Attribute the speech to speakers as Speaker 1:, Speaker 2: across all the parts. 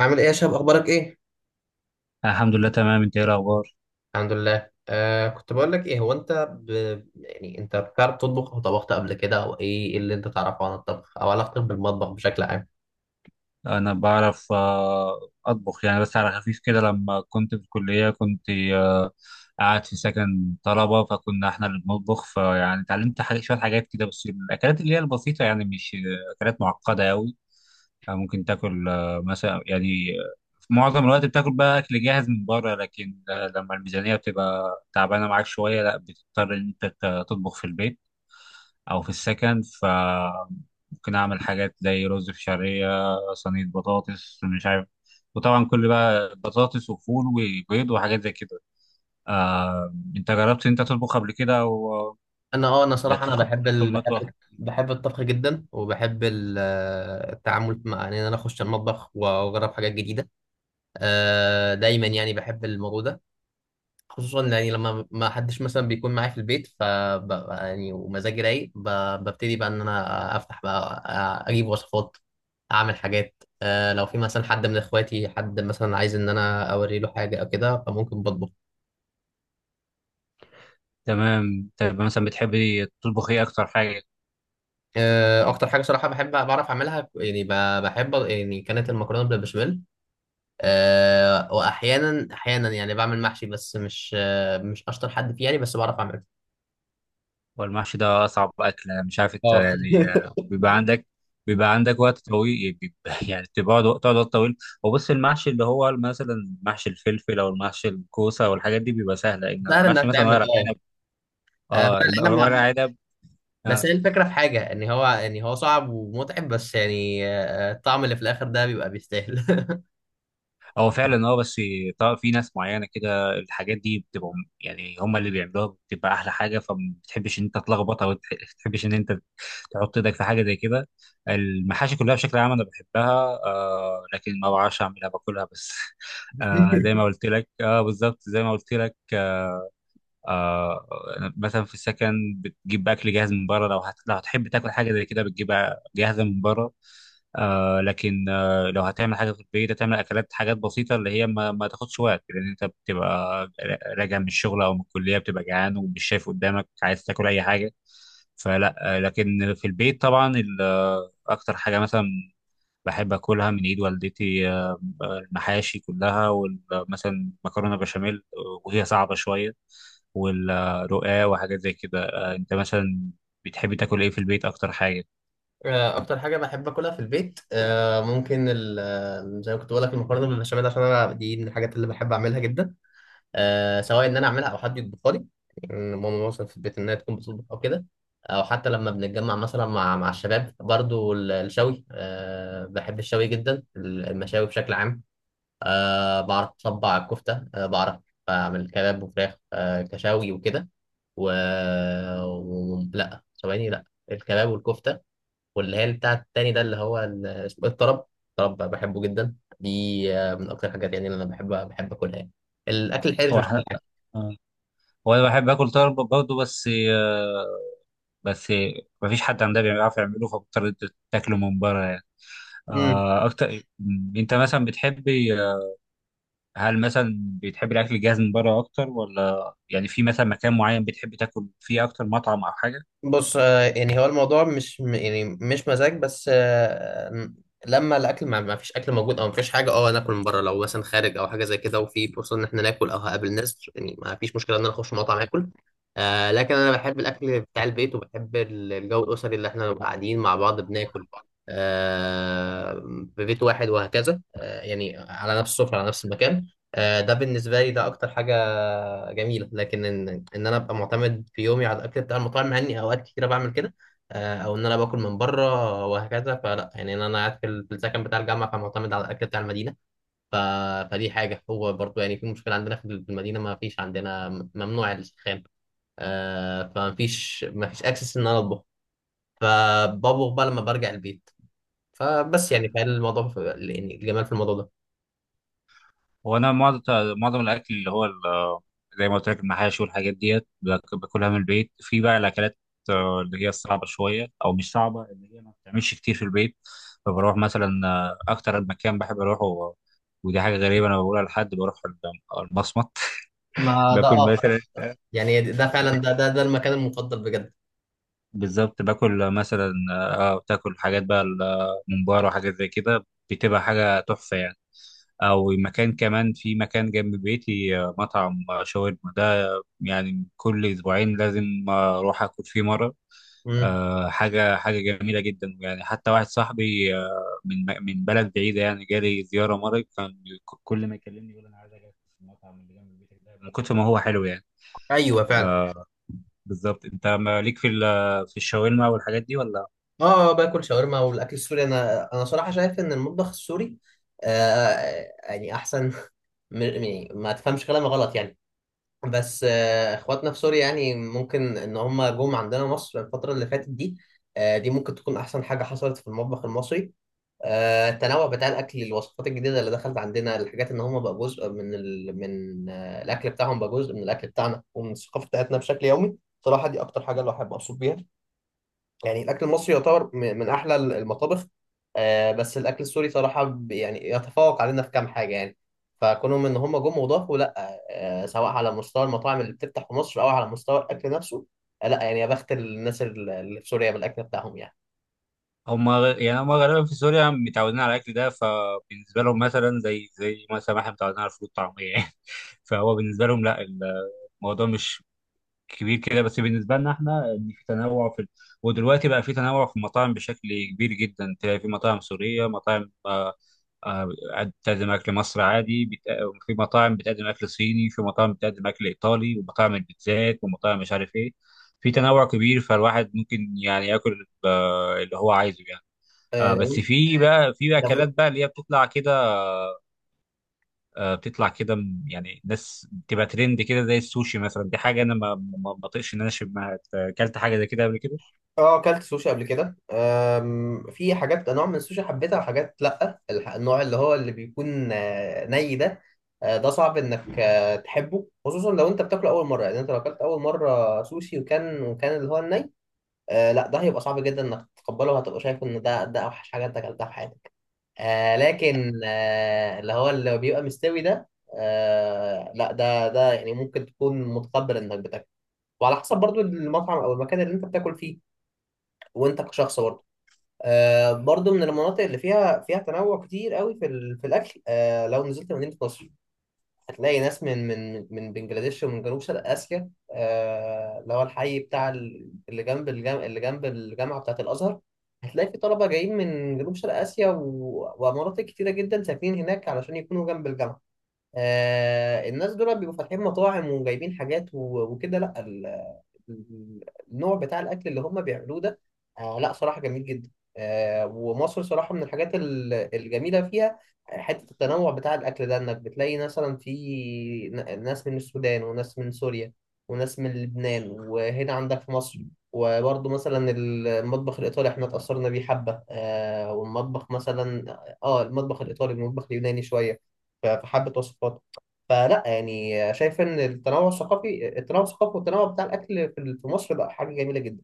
Speaker 1: عامل ايه يا شباب؟ اخبارك ايه؟
Speaker 2: الحمد لله تمام، انت ايه الاخبار؟
Speaker 1: الحمد لله. كنت بقول لك، ايه هو انت ب... يعني انت بتعرف تطبخ او طبخت قبل كده، او ايه اللي انت تعرفه عن الطبخ او علاقتك بالمطبخ بشكل عام؟
Speaker 2: انا بعرف اطبخ يعني بس على خفيف كده، لما كنت في الكليه كنت قاعد في سكن طلبه، فكنا احنا اللي بنطبخ، فيعني اتعلمت حاجات شويه حاجات كده، بس الاكلات اللي هي البسيطه، يعني مش اكلات معقده قوي. ممكن تاكل مثلا، يعني في معظم الوقت بتاكل بقى اكل جاهز من بره، لكن لما الميزانيه بتبقى تعبانه معاك شويه، لا بتضطر ان انت تطبخ في البيت او في السكن، ف ممكن اعمل حاجات زي رز بشعريه، صينيه بطاطس مش عارف، وطبعا كل بقى بطاطس وفول وبيض وحاجات زي كده. انت جربت انت تطبخ قبل كده او
Speaker 1: انا
Speaker 2: ده
Speaker 1: صراحه، انا
Speaker 2: تدخل
Speaker 1: بحب
Speaker 2: تدخل مطبخ؟
Speaker 1: بحب الطبخ جدا، وبحب التعامل مع ان انا اخش المطبخ واجرب حاجات جديده. دايما يعني بحب الموضوع ده، خصوصا يعني لما ما حدش مثلا بيكون معايا في البيت، يعني ومزاجي رايق، ببتدي بقى ان انا افتح بقى، اجيب وصفات، اعمل حاجات. لو في مثلا حد من اخواتي، حد مثلا عايز ان انا اوري له حاجه او كده، فممكن بطبخ.
Speaker 2: تمام، طيب مثلا بتحبي تطبخ ايه اكتر حاجه؟
Speaker 1: اكتر حاجه صراحه بحب بعرف اعملها، يعني بحب، يعني كانت المكرونه بالبشاميل. واحيانا يعني بعمل محشي، بس مش مش اشطر حد فيه يعني، بس بعرف اعمله.
Speaker 2: والمحشي ده أصعب أكلة، مش عارف أنت
Speaker 1: اه.
Speaker 2: يعني، بيبقى عندك وقت طويل، يعني بيبقى يعني تقعد وقت طويل. وبص، المحشي اللي هو مثلا محشي الفلفل أو المحشي الكوسة والحاجات دي بيبقى سهلة، إن
Speaker 1: سهل انها
Speaker 2: المحشي مثلا
Speaker 1: تعمل.
Speaker 2: ورق عنب. اه،
Speaker 1: لان انا ما
Speaker 2: ورق عنب. آه،
Speaker 1: بس هي الفكرة في حاجة، ان هو صعب ومتعب، بس يعني الطعم اللي في الاخر ده بيبقى بيستاهل.
Speaker 2: هو فعلا اه، بس طبعا في ناس معينه كده الحاجات دي بتبقى يعني هم اللي بيعملوها بتبقى احلى حاجه، فما بتحبش ان انت تلخبطها، وما بتحبش ان انت تحط ايدك في حاجه زي كده. المحاشي كلها بشكل عام انا بحبها، لكن ما بعرفش اعملها، باكلها بس. زي ما قلت لك، اه بالظبط زي ما قلت لك. آه مثلا في السكن بتجيب اكل جاهز من بره، لو هتحب تاكل حاجه زي كده بتجيبها جاهزه من بره. لكن لو هتعمل حاجه في البيت هتعمل اكلات، حاجات بسيطه اللي هي ما تاخدش وقت، لان انت بتبقى راجع من الشغل او من الكليه، بتبقى جعان ومش شايف قدامك، عايز تاكل اي حاجه. فلا، لكن في البيت طبعا اكتر حاجه مثلا بحب اكلها من ايد والدتي، المحاشي كلها، ومثلا مكرونه بشاميل وهي صعبه شويه، والرقاق وحاجات زي كده. انت مثلا بتحب تاكل ايه في البيت اكتر حاجه؟
Speaker 1: اكتر حاجة بحب اكلها في البيت، آه، ممكن ال- آه، زي ما كنت بقول لك المكرونة بالبشاميل، عشان انا دي من الحاجات اللي بحب اعملها جدا. سواء ان انا اعملها او حد يطبخها لي، يعني ماما مثلا في البيت انها تكون بتطبخ او كده. او حتى لما بنتجمع مثلا مع الشباب، برضو الشوي، بحب الشوي جدا، المشاوي بشكل عام. بعرف أصبع الكفتة. بعرف أعمل كباب وفراخ. كشاوي وكده. و... لا، ثواني، لا. الكباب والكفتة، واللي هي بتاع التاني ده، اللي هو اسمه إيه؟ الطرب. الطرب بحبه جدا دي. من أكتر الحاجات يعني اللي أنا بحب أكلها يعني. الأكل الحرش،
Speaker 2: هو
Speaker 1: مش كل
Speaker 2: احنا
Speaker 1: حاجة.
Speaker 2: آه، هو انا بحب اكل طرب برضه، بس مفيش حد عندنا بيعرف يعمله، فبضطر أنت تاكله من بره يعني.
Speaker 1: مم.
Speaker 2: آه، اكتر م، انت مثلا بتحبي، هل مثلا بتحبي الاكل الجاهز من بره اكتر، ولا يعني في مثلا مكان معين بتحب تاكل فيه اكتر، مطعم او حاجه؟
Speaker 1: بص، يعني هو الموضوع مش يعني مش مزاج، بس لما الاكل ما ما فيش اكل موجود او ما فيش حاجه، اه ناكل من بره، لو مثلا خارج او حاجه زي كده، وفي فرصه ان احنا ناكل او هقابل ناس، يعني ما فيش مشكله ان انا اخش مطعم اكل. لكن انا بحب الاكل بتاع البيت، وبحب الجو الاسري اللي احنا نبقى قاعدين مع بعض بناكل آه في بيت واحد وهكذا، يعني على نفس السفره، على نفس المكان. ده بالنسبه لي، ده اكتر حاجه جميله، لكن ان انا ابقى معتمد في يومي على الاكل بتاع المطاعم، مع اني اوقات كتيره بعمل كده. او ان انا باكل من بره وهكذا، فلا يعني ان انا قاعد في السكن بتاع الجامعه، فمعتمد على الاكل بتاع المدينه. ف... فدي حاجه، هو برضو يعني في مشكله عندنا في المدينه، ما فيش عندنا ممنوع السخان. فما فيش ما فيش اكسس ان انا اطبخ، فبطبخ بقى لما برجع البيت، فبس يعني يعني الجمال في الموضوع ده.
Speaker 2: هو انا معظم الاكل اللي هو زي ما قلت لك المحاشي والحاجات ديت باكلها من البيت، في بقى الاكلات اللي هي الصعبه شويه، او مش صعبه، اللي هي ما بتعملش كتير في البيت، فبروح مثلا اكتر مكان بحب اروحه، ودي حاجه غريبه انا بقولها، لحد بروح المصمت
Speaker 1: ما ده،
Speaker 2: باكل
Speaker 1: اه.
Speaker 2: مثلا،
Speaker 1: يعني ده فعلا، ده المكان المفضل بجد.
Speaker 2: بالظبط باكل مثلا اه بتاكل حاجات بقى الممبار وحاجات زي كده، بتبقى حاجه تحفه يعني. او مكان كمان، في مكان جنب بيتي مطعم شاورما، يعني كل اسبوعين لازم اروح اكل فيه مره.
Speaker 1: امم.
Speaker 2: حاجه جميله جدا، يعني حتى واحد صاحبي من بلد بعيده، يعني جالي زياره مره، كان كل ما يكلمني يقول انا عايز اجي في المطعم اللي جنب بيتك ده، من كتر ما هو حلو يعني.
Speaker 1: ايوه، فعلا.
Speaker 2: آه، بالظبط. انت مالك في في الشاورما والحاجات دي ولا؟
Speaker 1: اه، باكل شاورما والاكل السوري. انا صراحه شايف ان المطبخ السوري يعني احسن. يعني ما تفهمش كلامي غلط يعني. بس اخواتنا في سوريا، يعني ممكن ان هم جم عندنا مصر الفتره اللي فاتت دي. دي ممكن تكون احسن حاجه حصلت في المطبخ المصري. التنوع بتاع الاكل، الوصفات الجديده اللي دخلت عندنا، الحاجات ان هم بقى جزء من الاكل بتاعهم، بقى جزء من الاكل بتاعنا ومن الثقافه بتاعتنا بشكل يومي. صراحه، دي اكتر حاجه اللي احب ابسط بيها. يعني الاكل المصري يعتبر من احلى المطابخ. بس الاكل السوري صراحه، يعني يتفوق علينا في كام حاجه يعني. فكونهم ان هم جم وضافوا، لا سواء على مستوى المطاعم اللي بتفتح في مصر، او على مستوى الاكل نفسه. لا يعني يا بخت الناس اللي في سوريا بالاكل بتاعهم يعني.
Speaker 2: يعني هم غالبا في سوريا متعودين على الاكل ده، فبالنسبه لهم مثلا زي مثلا ما احنا متعودين على الفول الطعميه يعني فهو بالنسبه لهم لا، الموضوع مش كبير كده، بس بالنسبه لنا احنا ان في تنوع في، ودلوقتي بقى في تنوع في المطاعم بشكل كبير جدا، تلاقي في مطاعم سوريه، مطاعم آه، بتقدم اكل مصري عادي، في مطاعم بتقدم اكل صيني، في مطاعم بتقدم اكل ايطالي، ومطاعم البيتزات ومطاعم مش عارف ايه. في تنوع كبير، فالواحد ممكن يعني ياكل اللي هو عايزه يعني. بس
Speaker 1: آه،
Speaker 2: في بقى في اكلات
Speaker 1: لو
Speaker 2: بقى اللي هي بتطلع كده، بتطلع كده يعني ناس بتبقى ترند كده، زي السوشي مثلا، دي حاجه انا ما بطيقش ان انا اشم اكلت حاجه زي كده قبل كده.
Speaker 1: اه اكلت سوشي قبل كده. في حاجات نوع من السوشي حبيتها، وحاجات لا. النوع اللي هو اللي بيكون ني ده. ده صعب انك تحبه، خصوصا لو انت بتاكله اول مره، يعني انت لو اكلت اول مره سوشي وكان اللي هو الني. لا، ده هيبقى صعب جدا انك تتقبله، وهتبقى شايف ان ده اوحش حاجه انت اكلتها في حياتك. لكن اللي هو اللي بيبقى مستوي ده، لا ده يعني ممكن تكون متقبل انك بتاكله، وعلى حسب برضو المطعم او المكان اللي انت بتاكل فيه، وانت كشخص برضه. برضو من المناطق اللي فيها تنوع كتير قوي في الاكل. لو نزلت مدينه نصر، هتلاقي ناس من بنجلاديش ومن جنوب شرق اسيا. اللي هو الحي بتاع ال- اللي جنب الجام... اللي جنب الجامعه بتاعه الازهر. هتلاقي في طلبه جايين من جنوب شرق اسيا ومناطق كتيره جدا ساكنين هناك علشان يكونوا جنب الجامعه. الناس دول بيبقوا فاتحين مطاعم وجايبين حاجات وكده. لا، النوع بتاع الاكل اللي هم بيعملوه ده، لا صراحه جميل جدا. ومصر صراحه من الحاجات الجميله فيها، حته التنوع بتاع الاكل ده، انك بتلاقي مثلا في ناس من السودان، وناس من سوريا، وناس من لبنان، وهنا عندك في مصر. وبرضه مثلا المطبخ الايطالي احنا اتاثرنا بيه حبه. آه والمطبخ مثلا اه المطبخ الايطالي والمطبخ اليوناني شويه، فحبه وصفات. فلا يعني، شايف ان التنوع الثقافي والتنوع بتاع الاكل في مصر بقى حاجه جميله جدا.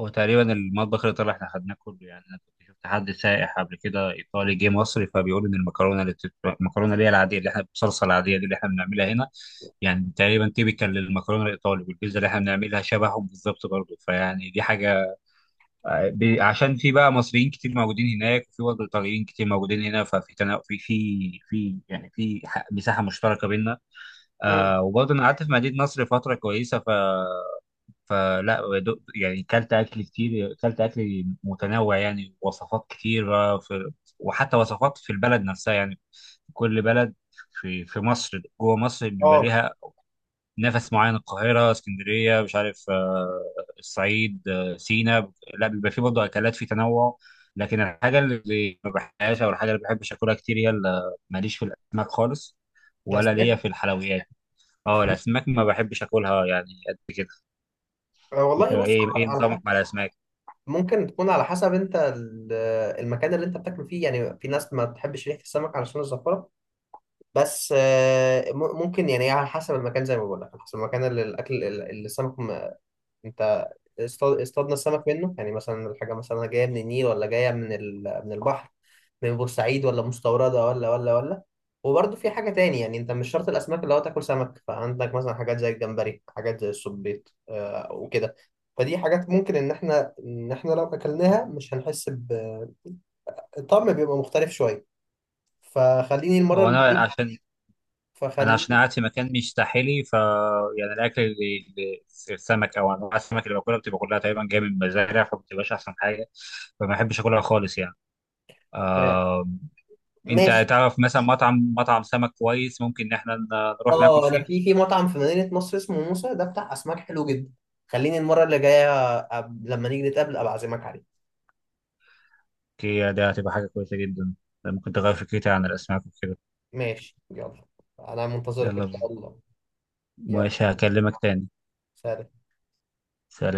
Speaker 2: هو تقريبا المطبخ الايطالي احنا خدناه كله يعني، انا كنت شفت حد سائح قبل كده ايطالي جه مصر، فبيقول ان المكرونه اللي هي العاديه، اللي احنا بالصلصه العاديه دي اللي احنا بنعملها هنا، يعني تقريبا تيبيكال للمكرونه الايطالي، والبيتزا اللي احنا بنعملها شبههم بالظبط برضه، فيعني دي حاجه عشان في بقى مصريين كتير موجودين هناك، وفي برضه ايطاليين كتير موجودين هنا، في يعني مساحه مشتركه بينا.
Speaker 1: مم.
Speaker 2: وبرضه انا قعدت في مدينه نصر فتره كويسه، فلا، يعني كلت اكل كتير، كلت اكل متنوع يعني، وصفات كتيره وحتى وصفات في البلد نفسها يعني. كل بلد في مصر، جوه مصر بيبقى
Speaker 1: اه،
Speaker 2: ليها نفس معين، القاهرة، اسكندرية، مش عارف، الصعيد، سينا، لا بيبقى فيه برضه أكلات، في تنوع. لكن الحاجة اللي ما بحبهاش، أو الحاجة اللي ما بحبش أكلها كتير، هي ماليش في الأسماك خالص،
Speaker 1: ده
Speaker 2: ولا ليا
Speaker 1: اسماك.
Speaker 2: في الحلويات. اه، الأسماك ما بحبش أكلها يعني، قد كده. أنت
Speaker 1: والله، بص،
Speaker 2: إيه
Speaker 1: على
Speaker 2: نظامك
Speaker 1: حق.
Speaker 2: مع الأسماك؟
Speaker 1: ممكن تكون على حسب انت المكان اللي انت بتاكل فيه، يعني في ناس ما تحبش ريحه السمك علشان الزفره. بس ممكن يعني على حسب المكان، زي ما بقول لك، على حسب المكان، اللي الاكل اللي السمك، انت اصطادنا السمك منه، يعني مثلا الحاجة مثلا جاية من النيل، ولا جاية من البحر، من بورسعيد، ولا مستوردة، ولا. وبرضه في حاجة تاني، يعني انت مش شرط الأسماك اللي هو تاكل سمك، فعندك مثلا حاجات زي الجمبري، حاجات زي السبيط وكده. فدي حاجات، ممكن ان احنا لو اكلناها، مش هنحس الطعم بيبقى مختلف شوية. فخليني المرة
Speaker 2: هو
Speaker 1: اللي
Speaker 2: أنا
Speaker 1: جاية.
Speaker 2: عشان أنا عشان
Speaker 1: فخليني.
Speaker 2: قاعد في مكان مش ساحلي، ف يعني الأكل السمك أو أنواع السمك اللي باكلها بتبقى كلها تقريبا جاية من مزارع، فما بتبقاش أحسن حاجة، فما بحبش أكلها خالص يعني.
Speaker 1: آه،
Speaker 2: آه، انت
Speaker 1: ماشي.
Speaker 2: تعرف مثلا مطعم سمك كويس ممكن ان احنا نروح ناكل
Speaker 1: اه، انا
Speaker 2: فيه؟
Speaker 1: في مطعم في مدينة نصر اسمه موسى، ده بتاع اسماك حلو جدا. خليني المرة اللي جاية، لما نيجي نتقابل ابقى اعزمك عليه.
Speaker 2: دي ده هتبقى حاجه كويسه جدا، ده ممكن تغير فكرتي عن الاسماك وكده.
Speaker 1: ماشي، يلا، انا منتظرك
Speaker 2: يلا
Speaker 1: ان شاء
Speaker 2: بينا.
Speaker 1: الله. يلا،
Speaker 2: ماشي، هكلمك تاني.
Speaker 1: سلام.
Speaker 2: سلام.